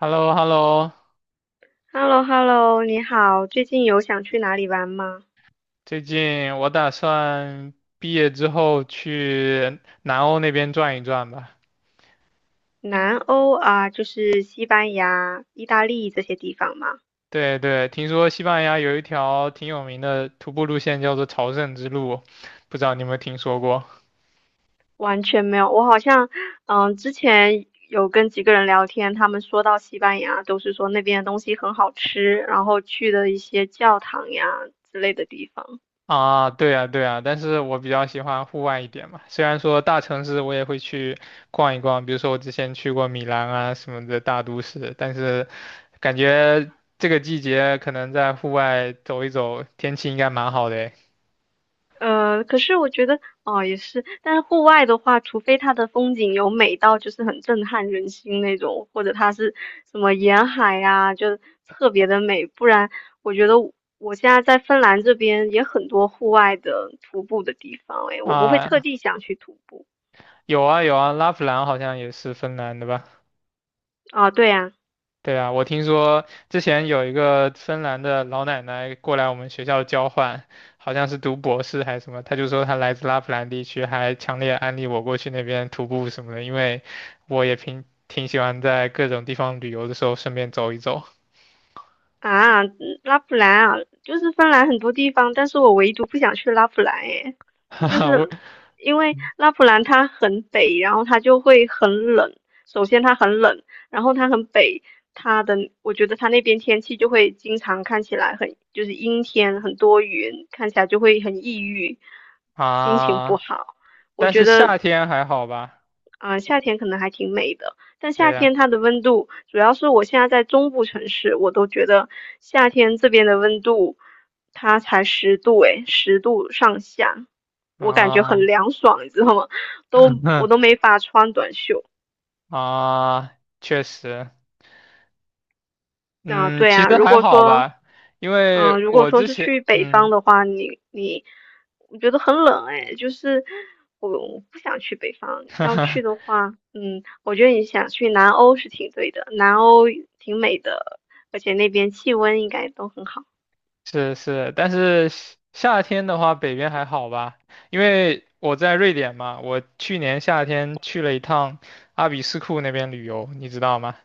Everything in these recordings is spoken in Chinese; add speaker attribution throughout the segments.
Speaker 1: h e l l o h e l l o
Speaker 2: h e l l o h e l l o 你好，最近有想去哪里玩吗？
Speaker 1: 最近我打算毕业之后去南欧那边转一转吧。
Speaker 2: 南欧啊，就是西班牙、意大利这些地方吗？
Speaker 1: 对对，听说西班牙有一条挺有名的徒步路线叫做朝圣之路，不知道你有没有听说过？
Speaker 2: 完全没有，我好像，嗯，之前有跟几个人聊天，他们说到西班牙，都是说那边的东西很好吃，然后去的一些教堂呀之类的地方。
Speaker 1: 啊，对啊对啊，但是我比较喜欢户外一点嘛。虽然说大城市我也会去逛一逛，比如说我之前去过米兰啊什么的大都市，但是感觉这个季节可能在户外走一走，天气应该蛮好的诶
Speaker 2: 可是我觉得哦，也是，但是户外的话，除非它的风景有美到就是很震撼人心那种，或者它是什么沿海呀、就特别的美，不然我觉得现在在芬兰这边也很多户外的徒步的地方，诶，我不会特
Speaker 1: 啊
Speaker 2: 地想去徒步
Speaker 1: 有啊有啊，拉普兰好像也是芬兰的吧？
Speaker 2: 啊，对呀。
Speaker 1: 对啊，我听说之前有一个芬兰的老奶奶过来我们学校交换，好像是读博士还是什么，她就说她来自拉普兰地区，还强烈安利我过去那边徒步什么的，因为我也挺喜欢在各种地方旅游的时候顺便走一走。
Speaker 2: 啊，嗯，拉普兰啊，就是芬兰很多地方，但是我唯独不想去拉普兰诶，
Speaker 1: 哈
Speaker 2: 就
Speaker 1: 哈，我
Speaker 2: 是因为拉普兰它很北，然后它就会很冷。首先它很冷，然后它很北，它的我觉得它那边天气就会经常看起来很就是阴天，很多云，看起来就会很抑郁，心情不
Speaker 1: 啊，
Speaker 2: 好。我
Speaker 1: 但
Speaker 2: 觉
Speaker 1: 是
Speaker 2: 得
Speaker 1: 夏天还好吧？
Speaker 2: 啊、夏天可能还挺美的，但
Speaker 1: 对
Speaker 2: 夏
Speaker 1: 呀，
Speaker 2: 天它的温度，主要是我现在在中部城市，我都觉得夏天这边的温度，它才十度诶，十度上下，我感觉
Speaker 1: 啊
Speaker 2: 很凉爽，你知道吗？我都没法穿短袖。
Speaker 1: 啊，确实。
Speaker 2: 啊、
Speaker 1: 嗯，
Speaker 2: 对
Speaker 1: 其
Speaker 2: 啊，
Speaker 1: 实
Speaker 2: 如
Speaker 1: 还
Speaker 2: 果
Speaker 1: 好
Speaker 2: 说
Speaker 1: 吧，因
Speaker 2: 嗯，
Speaker 1: 为
Speaker 2: 如果
Speaker 1: 我
Speaker 2: 说
Speaker 1: 之
Speaker 2: 是
Speaker 1: 前，
Speaker 2: 去北方
Speaker 1: 嗯，
Speaker 2: 的话，你，我觉得很冷哎，就是我不想去北方。
Speaker 1: 哈
Speaker 2: 要去
Speaker 1: 哈
Speaker 2: 的话，嗯，我觉得你想去南欧是挺对的，南欧挺美的，而且那边气温应该都很好。
Speaker 1: 是是，但是夏天的话，北边还好吧，因为我在瑞典嘛，我去年夏天去了一趟阿比斯库那边旅游，你知道吗？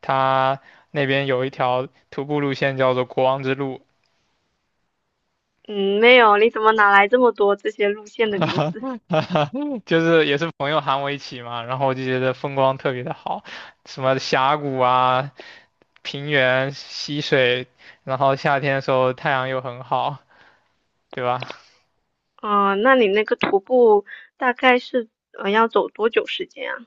Speaker 1: 它那边有一条徒步路线叫做国王之路，
Speaker 2: 嗯，没有，你怎么哪来这么多这些路线的名字？
Speaker 1: 哈哈 就是也是朋友喊我一起嘛，然后我就觉得风光特别的好，什么峡谷啊，平原溪水，然后夏天的时候太阳又很好，对吧？
Speaker 2: 嗯，那你那个徒步大概是要走多久时间啊？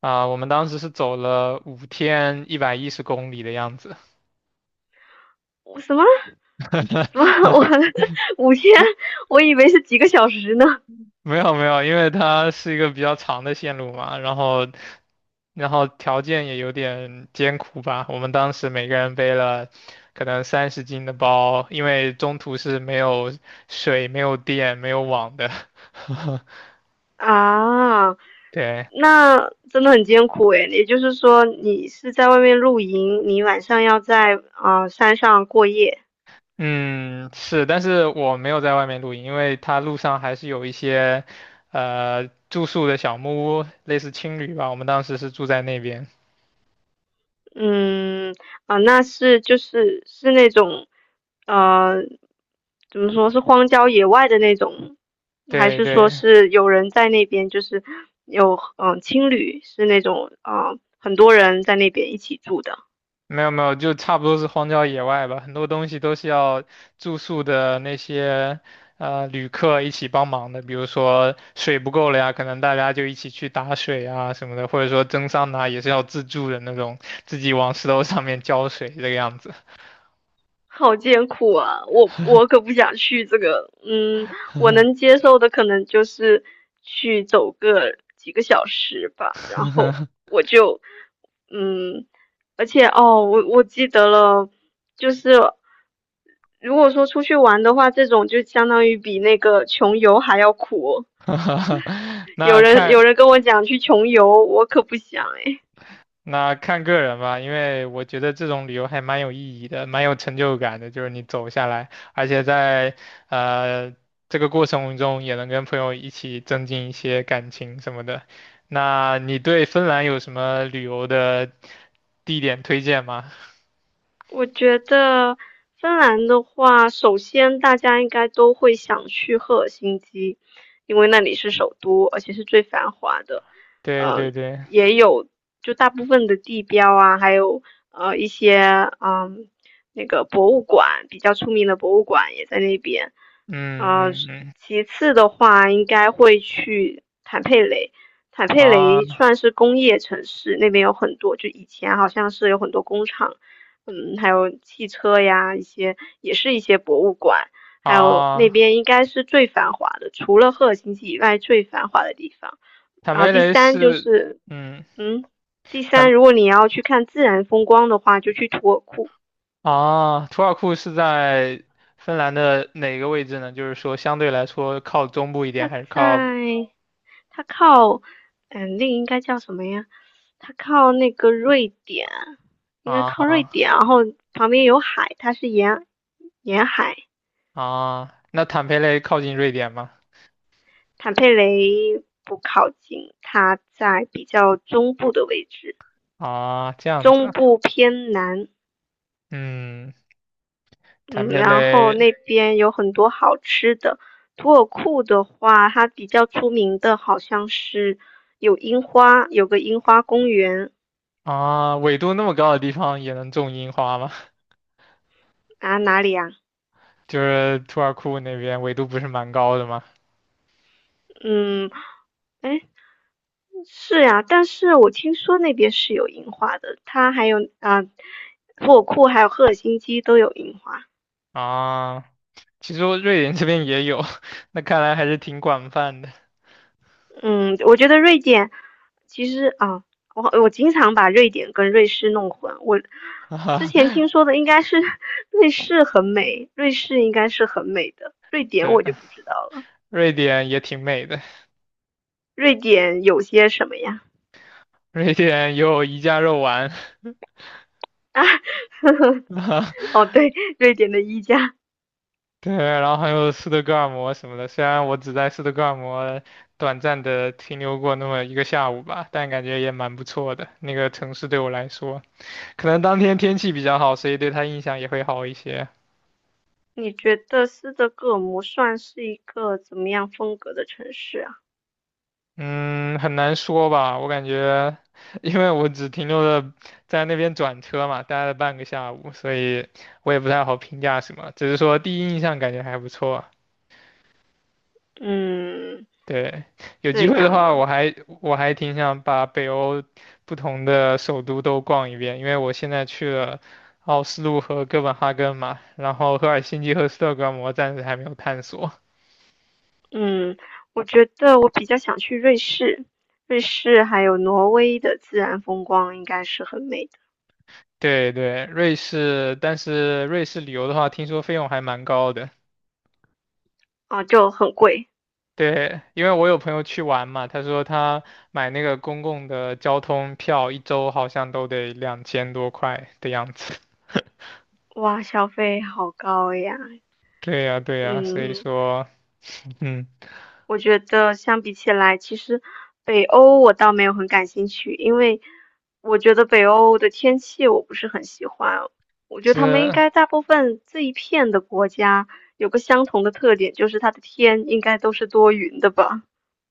Speaker 1: 啊、我们当时是走了5天110公里的样子。
Speaker 2: 我什么？什么？我 五天？我以为是几个小时呢。
Speaker 1: 没有没有，因为它是一个比较长的线路嘛，然后然后条件也有点艰苦吧。我们当时每个人背了可能30斤的包，因为中途是没有水、没有电、没有网的。
Speaker 2: 啊，
Speaker 1: 对，
Speaker 2: 那真的很艰苦诶，也就是说，你是在外面露营，你晚上要在啊、山上过夜。
Speaker 1: 嗯，是，但是我没有在外面露营，因为它路上还是有一些，住宿的小木屋，类似青旅吧。我们当时是住在那边。
Speaker 2: 嗯，啊、那是就是是那种，呃，怎么说是荒郊野外的那种，还
Speaker 1: 对
Speaker 2: 是说
Speaker 1: 对，
Speaker 2: 是有人在那边，就是有嗯、青旅是那种啊、很多人在那边一起住的。
Speaker 1: 没有没有，就差不多是荒郊野外吧。很多东西都是要住宿的那些，旅客一起帮忙的。比如说水不够了呀，可能大家就一起去打水啊什么的，或者说蒸桑拿也是要自助的那种，自己往石头上面浇水这个样子。
Speaker 2: 好艰苦啊！我可不想去这个，嗯，我能接受的可能就是去走个几个小时吧，然后我就，嗯，而且哦，我记得了，就是如果说出去玩的话，这种就相当于比那个穷游还要苦。有
Speaker 1: 那
Speaker 2: 人
Speaker 1: 看
Speaker 2: 有人跟我讲去穷游，我可不想哎。
Speaker 1: 那看个人吧，因为我觉得这种旅游还蛮有意义的，蛮有成就感的，就是你走下来，而且在呃这个过程中也能跟朋友一起增进一些感情什么的。那你对芬兰有什么旅游的地点推荐吗？
Speaker 2: 我觉得芬兰的话，首先大家应该都会想去赫尔辛基，因为那里是首都，而且是最繁华的。
Speaker 1: 对对
Speaker 2: 嗯、
Speaker 1: 对，
Speaker 2: 也有就大部分的地标啊，还有一些嗯，那个博物馆比较出名的博物馆也在那边。
Speaker 1: 嗯
Speaker 2: 呃，
Speaker 1: 嗯嗯，
Speaker 2: 其次的话，应该会去坦佩雷。坦佩雷
Speaker 1: 啊
Speaker 2: 算是工业城市，那边有很多，就以前好像是有很多工厂嗯，还有汽车呀，一些也是一些博物馆，还有那
Speaker 1: 啊，
Speaker 2: 边应该是最繁华的，除了赫尔辛基以外最繁华的地方。
Speaker 1: 坦
Speaker 2: 然后
Speaker 1: 梅
Speaker 2: 第
Speaker 1: 雷
Speaker 2: 三就
Speaker 1: 是，
Speaker 2: 是，
Speaker 1: 嗯。
Speaker 2: 嗯，第三，
Speaker 1: 坦
Speaker 2: 如果你要去看自然风光的话，就去图尔库，
Speaker 1: 啊，图尔库是在芬兰的哪个位置呢？就是说，相对来说靠中部一点，
Speaker 2: 它
Speaker 1: 还是靠
Speaker 2: 在它靠，嗯，那个应该叫什么呀？它靠那个瑞典，应该
Speaker 1: 啊
Speaker 2: 靠瑞典，然后旁边有海，它是沿海。
Speaker 1: 啊？那坦佩雷靠近瑞典吗？
Speaker 2: 坦佩雷不靠近它在比较中部的位置，
Speaker 1: 啊，这样子
Speaker 2: 中
Speaker 1: 啊
Speaker 2: 部偏南，
Speaker 1: 嗯，坦
Speaker 2: 嗯，
Speaker 1: 佩
Speaker 2: 然后
Speaker 1: 雷
Speaker 2: 那边有很多好吃的。图尔库的话，它比较出名的好像是有樱花，有个樱花公园
Speaker 1: 啊，纬度那么高的地方也能种樱花吗？
Speaker 2: 啊，哪里啊？
Speaker 1: 就是图尔库那边纬度不是蛮高的吗？
Speaker 2: 嗯，哎，是呀、但是我听说那边是有樱花的，它还有啊，土尔库还有赫尔辛基都有樱花。
Speaker 1: 啊，其实我瑞典这边也有，那看来还是挺广泛的
Speaker 2: 嗯，我觉得瑞典其实啊，我经常把瑞典跟瑞士弄混。我 之前
Speaker 1: 啊。
Speaker 2: 听说的应该是 瑞士很美，瑞士应该是很美的，瑞典
Speaker 1: 对，
Speaker 2: 我就不知道了。
Speaker 1: 瑞典也挺美的，
Speaker 2: 瑞典有些什么呀？
Speaker 1: 瑞典有宜家肉丸。
Speaker 2: 哦，对，瑞典的衣架。
Speaker 1: 对，然后还有斯德哥尔摩什么的，虽然我只在斯德哥尔摩短暂的停留过那么一个下午吧，但感觉也蛮不错的。那个城市对我来说，可能当天天气比较好，所以对他印象也会好一些。
Speaker 2: 你觉得斯德哥尔摩算是一个怎么样风格的城市啊？
Speaker 1: 嗯，很难说吧，我感觉，因为我只停留了在那边转车嘛，待了半个下午，所以我也不太好评价什么，只是说第一印象感觉还不错。
Speaker 2: 嗯，
Speaker 1: 对，有机
Speaker 2: 这
Speaker 1: 会的
Speaker 2: 样
Speaker 1: 话，我
Speaker 2: 啊。
Speaker 1: 还我还挺想把北欧不同的首都都逛一遍，因为我现在去了奥斯陆和哥本哈根嘛，然后赫尔辛基和斯德哥尔摩暂时还没有探索。
Speaker 2: 嗯，我觉得我比较想去瑞士，瑞士还有挪威的自然风光应该是很美的。
Speaker 1: 对对，瑞士，但是瑞士旅游的话，听说费用还蛮高的。
Speaker 2: 啊，就很贵，
Speaker 1: 对，因为我有朋友去玩嘛，他说他买那个公共的交通票，一周好像都得2000多块的样子。
Speaker 2: 哇，消费好高呀。
Speaker 1: 对呀，对呀，所以
Speaker 2: 嗯，
Speaker 1: 说，嗯，
Speaker 2: 我觉得相比起来，其实北欧我倒没有很感兴趣，因为我觉得北欧的天气我不是很喜欢，我觉得他们应
Speaker 1: 是，
Speaker 2: 该大部分这一片的国家有个相同的特点，就是它的天应该都是多云的吧。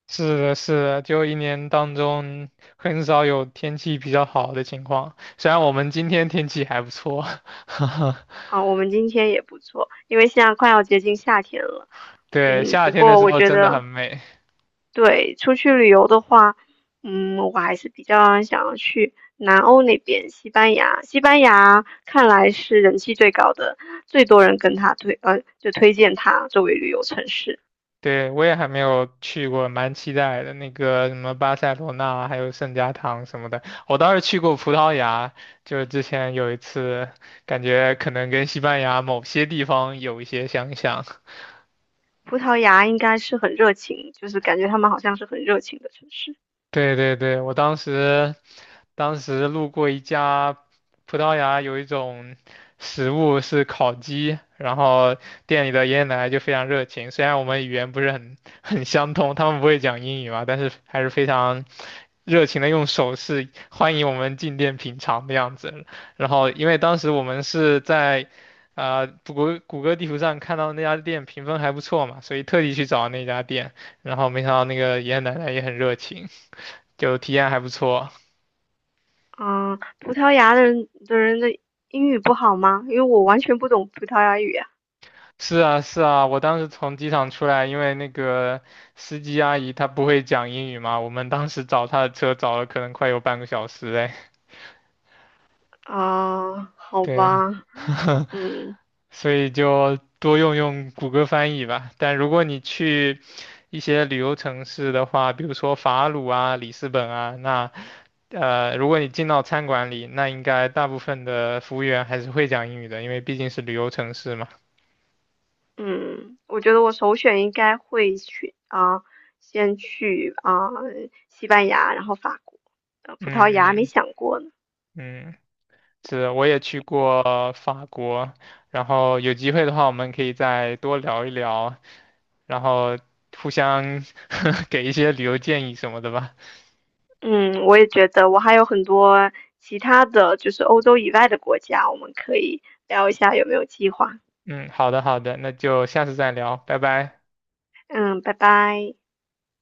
Speaker 1: 是的，是的，就一年当中很少有天气比较好的情况。虽然我们今天天气还不错，
Speaker 2: 啊，我们今天也不错，因为现在快要接近夏天了。
Speaker 1: 对，
Speaker 2: 嗯，
Speaker 1: 夏
Speaker 2: 不
Speaker 1: 天的
Speaker 2: 过
Speaker 1: 时
Speaker 2: 我
Speaker 1: 候
Speaker 2: 觉
Speaker 1: 真的
Speaker 2: 得，
Speaker 1: 很美。
Speaker 2: 对，出去旅游的话，嗯，我还是比较想要去南欧那边，西班牙。西班牙看来是人气最高的，最多人跟他推，就推荐他作为旅游城市。
Speaker 1: 对，我也还没有去过，蛮期待的。那个什么巴塞罗那，还有圣家堂什么的，我倒是去过葡萄牙，就是之前有一次，感觉可能跟西班牙某些地方有一些相像。
Speaker 2: 葡萄牙应该是很热情，就是感觉他们好像是很热情的城市。
Speaker 1: 对对对，我当时路过一家葡萄牙有一种食物是烤鸡，然后店里的爷爷奶奶就非常热情，虽然我们语言不是很相通，他们不会讲英语嘛，但是还是非常热情的用手势欢迎我们进店品尝的样子。然后因为当时我们是在谷歌地图上看到那家店评分还不错嘛，所以特地去找那家店，然后没想到那个爷爷奶奶也很热情。就体验还不错。
Speaker 2: 嗯，葡萄牙的人的英语不好吗？因为我完全不懂葡萄牙语啊。
Speaker 1: 是啊，是啊，我当时从机场出来，因为那个司机阿姨她不会讲英语嘛，我们当时找她的车找了可能快有半个小时哎。
Speaker 2: 啊，好
Speaker 1: 对，
Speaker 2: 吧，嗯
Speaker 1: 所以就多用用谷歌翻译吧。但如果你去一些旅游城市的话，比如说法鲁啊、里斯本啊，那如果你进到餐馆里，那应该大部分的服务员还是会讲英语的，因为毕竟是旅游城市嘛。
Speaker 2: 嗯，我觉得我首选应该会去啊，先去啊西班牙，然后法国，
Speaker 1: 嗯
Speaker 2: 葡萄牙没
Speaker 1: 嗯
Speaker 2: 想过呢。
Speaker 1: 嗯。是，我也去过法国，然后有机会的话，我们可以再多聊一聊，然后互相 给一些旅游建议什么的吧。
Speaker 2: 嗯，我也觉得我还有很多其他的就是欧洲以外的国家，我们可以聊一下有没有计划。
Speaker 1: 嗯，好的，好的，那就下次再聊，拜拜。
Speaker 2: 嗯，拜拜。